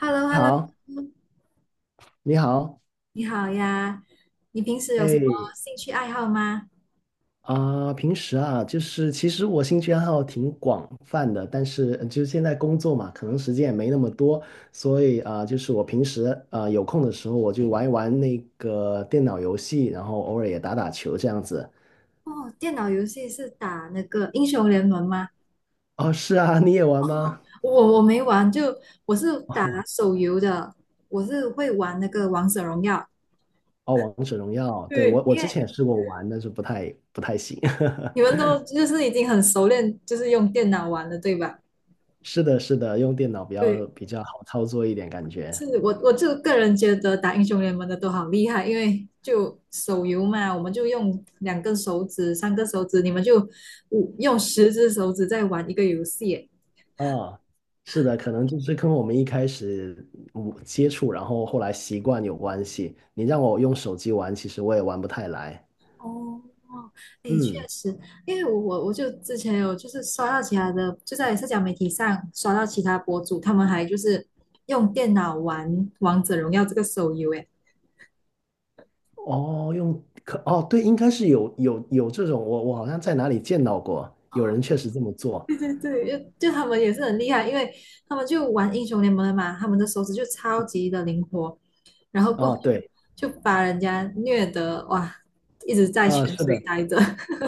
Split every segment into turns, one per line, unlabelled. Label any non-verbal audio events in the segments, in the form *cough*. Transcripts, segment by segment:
h e l l o h e l l o
好，你好，
你好呀。你平时有什么
哎，
兴趣爱好吗？
啊、平时啊，就是其实我兴趣爱好挺广泛的，但是就是现在工作嘛，可能时间也没那么多，所以啊、就是我平时啊、有空的时候，我就玩一玩那个电脑游戏，然后偶尔也打打球这样子。
哦，电脑游戏是打那个英雄联盟吗？
哦，是啊，你也玩吗？
我没玩，就我是打手游的，我是会玩那个王者荣耀。
哦，王者荣耀，对，我
对，
我
因
之
为
前也试过玩，但是不太行。*laughs*
你们都就是已经很熟练，就是用电脑玩了，对吧？
是的，是的，用电脑比较
对。
比较好操作一点，感觉。
是我就个人觉得打英雄联盟的都好厉害，因为就手游嘛，我们就用两根手指、三根手指，你们就用十只手指在玩一个游戏。
啊，是的，可能就是跟我们一开始接触，然后后来习惯有关系。你让我用手机玩，其实我也玩不太来。
哦，哦，哎，确
嗯，
实，因为我就之前有就是刷到其他的，就在社交媒体上刷到其他博主，他们还就是用电脑玩《王者荣耀》这个手游，哎。
哦，用可哦，对，应该是有这种，我好像在哪里见到过，有人确实这么
*laughs*
做。
对对对，就他们也是很厉害，因为他们就玩英雄联盟的嘛，他们的手指就超级的灵活，然后过后
啊，对，
就把人家虐得哇，一直在泉
啊，是
水
的，
待着。*laughs*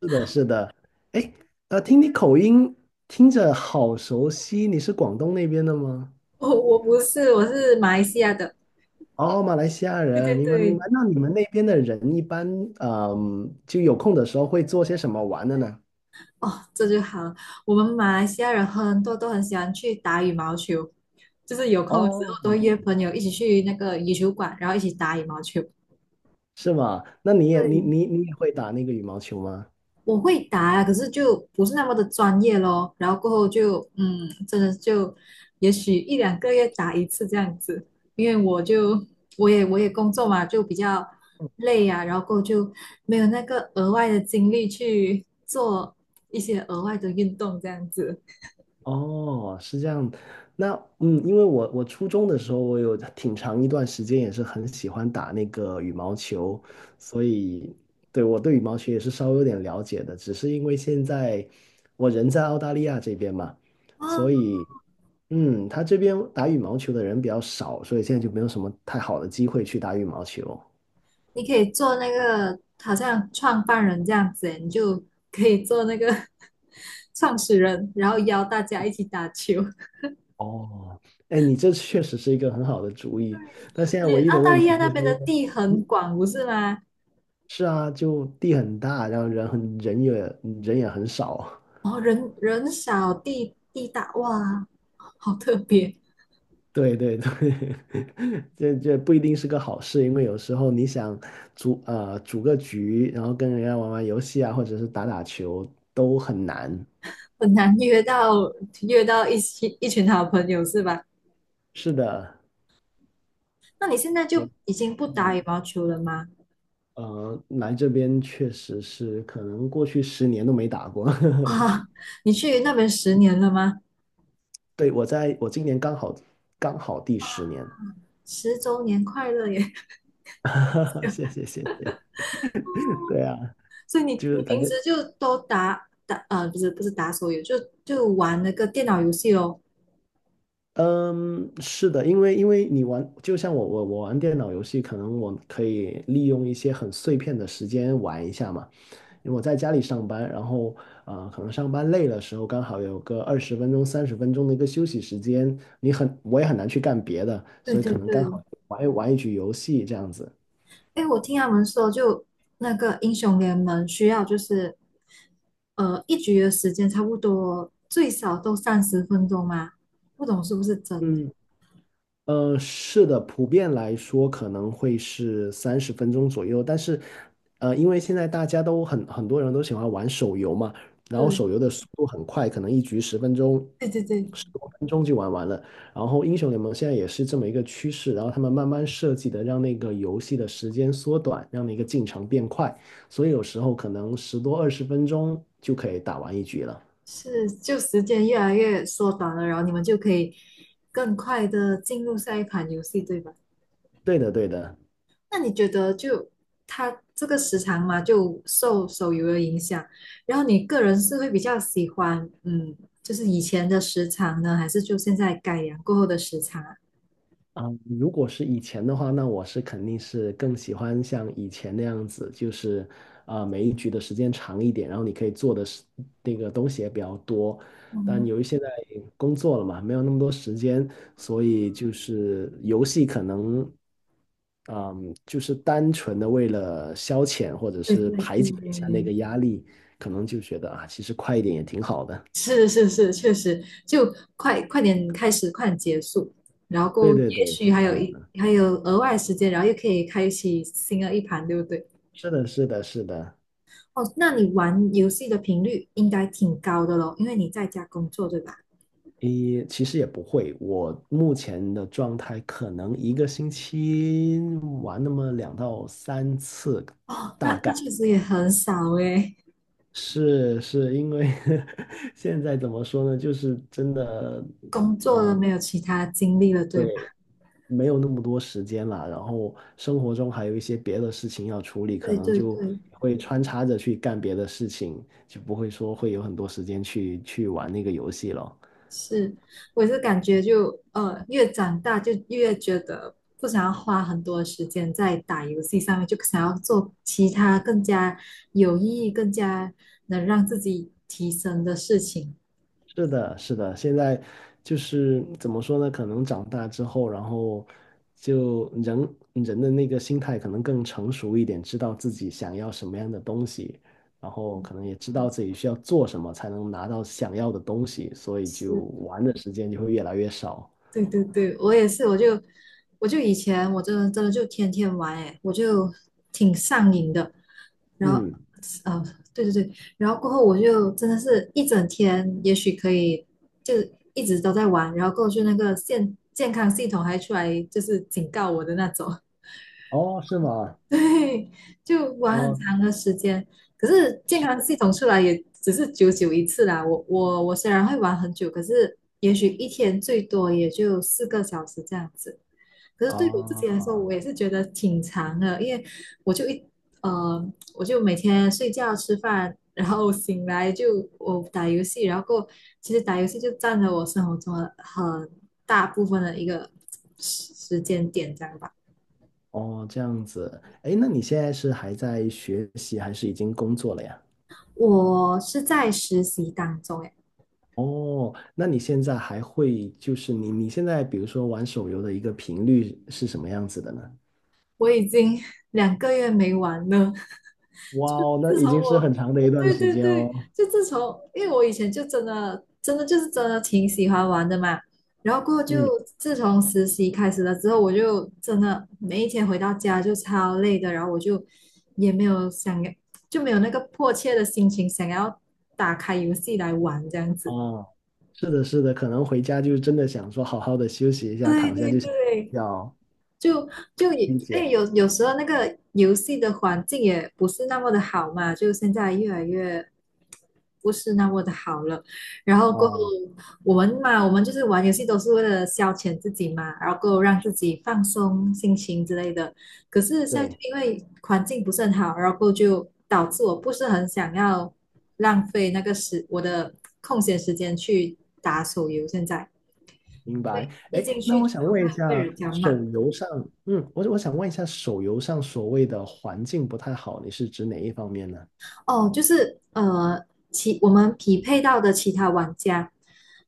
是的，是的。哎，听你口音，听着好熟悉，你是广东那边的吗？
我不是，我是马来西亚的。
哦，马来西亚
对
人，
对
明白明白。
对，
那你们那边的人一般，就有空的时候会做些什么玩的呢？
哦，这就好了。我们马来西亚人很多都很喜欢去打羽毛球，就是有空的时
哦，
候都会约朋友一起去那个羽球馆，然后一起打羽毛球。
是吗？那你也你
对，
你你也会打那个羽毛球吗？
我会打啊，可是就不是那么的专业咯。然后过后就真的就也许一两个月打一次这样子，因为我也工作嘛，就比较累啊，然后过后就没有那个额外的精力去做一些额外的运动这样子。
哦，是这样。那因为我初中的时候，我有挺长一段时间也是很喜欢打那个羽毛球，所以对我对羽毛球也是稍微有点了解的。只是因为现在我人在澳大利亚这边嘛，
哦，
所以他这边打羽毛球的人比较少，所以现在就没有什么太好的机会去打羽毛球。
你可以做那个好像创办人这样子诶，你就可以做那个 *laughs* 创始人，然后邀大家一起打球。
哦，哎，你这确实是一个很好的主意，但现
而
在
且
唯一
澳
的
大
问
利
题
亚那
就是
边
因
的
为
地很
嗯，
广，不是吗？
是啊，就地很大，然后人也很少，
然后人少地大，哇，好特别。
*laughs* 对对对，*laughs* 这不一定是个好事，因为有时候你想组个局，然后跟人家玩玩游戏啊，或者是打打球都很难。
很难约到，约到一起一群好朋友是吧？
是的，
那你现在
所以
就已经不打羽毛球了吗？
来这边确实是可能过去十年都没打过。
*laughs*
*laughs*
哇，你去那边10年了吗？
对，我今年刚好第10年，
10周年快乐耶！
*laughs* 谢谢谢谢。对啊，
*laughs* 所以你
就
你
是感
平
觉，
时就都打打不是不是打手游，就玩那个电脑游戏哦。
嗯，是的，因为你玩，就像我玩电脑游戏，可能我可以利用一些很碎片的时间玩一下嘛。因为我在家里上班，然后啊、可能上班累的时候，刚好有个二十分钟、三十分钟的一个休息时间，我也很难去干别的，
对
所以
对
可能刚好
对，
玩一局游戏这样子。
哎，我听他们说，就那个英雄联盟需要就是一局的时间差不多最少都30分钟嘛，不懂是不是真的？
嗯，是的，普遍来说可能会是三十分钟左右，但是，因为现在大家都很多人都喜欢玩手游嘛，然后手
对
游的速度很快，可能一局十分钟、
对对对，
10多分钟就玩完了。然后英雄联盟现在也是这么一个趋势，然后他们慢慢设计的让那个游戏的时间缩短，让那个进程变快，所以有时候可能10多20分钟就可以打完一局了。
是就时间越来越缩短了，然后你们就可以更快的进入下一款游戏，对吧？
对的，对的。
那你觉得就它这个时长嘛，就受手游的影响，然后你个人是会比较喜欢就是以前的时长呢，还是就现在改良过后的时长啊？
啊，如果是以前的话，那我是肯定是更喜欢像以前那样子，就是啊、每一局的时间长一点，然后你可以做的是那个东西也比较多。但
嗯，
由于现在工作了嘛，没有那么多时间，所以就是游戏可能，嗯，就是单纯的为了消遣或者
对
是
对
排
对，
解一下那个压力，可能就觉得啊，其实快一点也挺好的。
是是是，确实，就快快点开始，快点结束，然
对
后
对
也
对，是
许
这样子。
还有额外时间，然后又可以开启新的一盘，对不对？
是的，是的，是的。
哦，那你玩游戏的频率应该挺高的咯，因为你在家工作，对吧？
诶，其实也不会，我目前的状态可能一个星期玩那么2到3次，
哦，
大
那那
概
确实也很少诶，
是因为 *laughs* 现在怎么说呢，就是真的，
工作了没有其他精力了，对吧？
对，没有那么多时间了，然后生活中还有一些别的事情要处理，可
对
能
对
就
对。
会穿插着去干别的事情，就不会说会有很多时间去玩那个游戏了。
是，我也是感觉就越长大就越觉得不想要花很多时间在打游戏上面，就想要做其他更加有意义、更加能让自己提升的事情。
是的，是的，现在就是怎么说呢？可能长大之后，然后就人的那个心态可能更成熟一点，知道自己想要什么样的东西，然后可能也知道自己需要做什么才能拿到想要的东西，所以就
是。
玩的时间就会越来越少。
对对对，我也是，我就以前我真的真的就天天玩诶，我就挺上瘾的。然后，
嗯，
呃，对对对，然后过后我就真的是一整天，也许可以就是一直都在玩，然后过去那个健康系统还出来就是警告我的那种。
哦，是吗？
*laughs* 对，就玩很
哦，
长的时间。可是健
是
康系统出来也只是久久一次啦。我虽然会玩很久，可是也许一天最多也就4个小时这样子。可是对我自己
啊，
来说，我也是觉得挺长的，因为我就一我就每天睡觉、吃饭，然后醒来就我打游戏，然后过后其实打游戏就占了我生活中的很大部分的一个时间点，这样吧。
哦，这样子。哎，那你现在是还在学习，还是已经工作了呀？
我是在实习当中，哎，
哦，那你现在还会就是你现在比如说玩手游的一个频率是什么样子的呢？
我已经两个月没玩了。*laughs*
哇
就
哦，那
自
已
从
经是很
我，
长的一段
对
时
对
间
对，
哦。
就自从，因为我以前就真的真的就是真的挺喜欢玩的嘛。然后过后就
嗯
自从实习开始了之后，我就真的每一天回到家就超累的，然后我就也没有想要，就没有那个迫切的心情想要打开游戏来玩这样子。
啊，是的，是的，可能回家就真的想说好好的休息一下，
对
躺下
对
就想睡
对。
觉哦。
就就也，
理
哎，
解
有时候那个游戏的环境也不是那么的好嘛，就现在越来越不是那么的好了。然后过后
哦，
我们嘛，我们就是玩游戏都是为了消遣自己嘛，然后过后让自己放松心情之类的。可是现在就
对，
因为环境不是很好，然后过后就导致我不是很想要浪费那个时我的空闲时间去打手游。现在
明白。
对，一
哎，
进
那
去
我
就
想
好
问
像
一
被
下，
人家骂。
手游上，我想问一下，手游上所谓的环境不太好，你是指哪一方面呢？
哦，就是我们匹配到的其他玩家，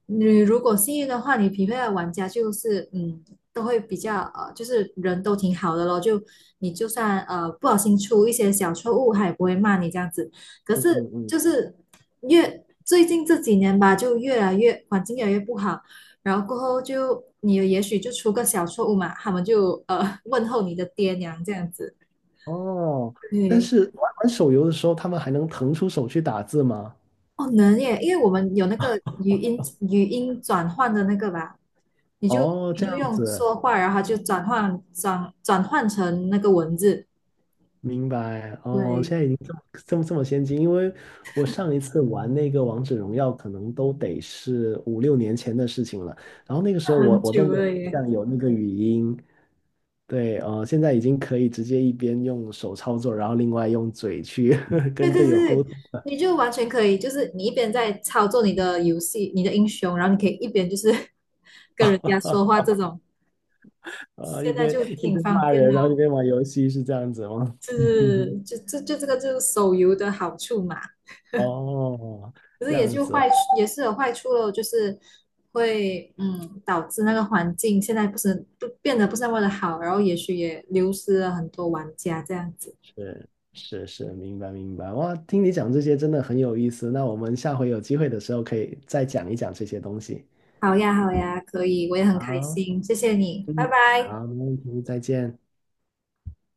你如果幸运的话，你匹配的玩家就是都会比较就是人都挺好的咯，就你就算不小心出一些小错误，他也不会骂你这样子。可
嗯
是
嗯嗯
就是最近这几年吧，就越来越环境越来越不好，然后过后就你也许就出个小错误嘛，他们就问候你的爹娘这样子，
哦，但
对。
是玩玩手游的时候，他们还能腾出手去打字吗？
哦，能耶，因为我们有那个语音转换的那个吧，你就
哦，
你
这
就
样
用
子，
说话，然后它就转换成那个文字，
明白。哦，
对，
现在已经这么先进，因为我上一次玩那个王者荣耀，可能都得是5、6年前的事情了。然后那个时候我
很
我都
久
没有
了
印
耶，
象有那个语音。对，现在已经可以直接一边用手操作，然后另外用嘴去 *laughs*
对
跟
对
队友沟
对，
通了。
你就完全可以，就是你一边在操作你的游戏，你的英雄，然后你可以一边就是 *laughs* 跟人家说话
*laughs*
这种，
啊，一
现在
边
就
一边
挺方
骂
便
人，
的
然
哦，
后一边玩游戏，是这样子吗？
是
*laughs*
就这个就是手游的好处嘛，
哦，
可是
这样子，
也是有坏处咯，就是会导致那个环境现在不是不变得不是那么的好，然后也许也流失了很多玩家这样子。
是是是，明白明白。哇，听你讲这些真的很有意思。那我们下回有机会的时候可以再讲一讲这些东西。
好呀，好呀，可以，我也很开
好，
心，谢谢你，拜
嗯，
拜。
好，没问题，再见。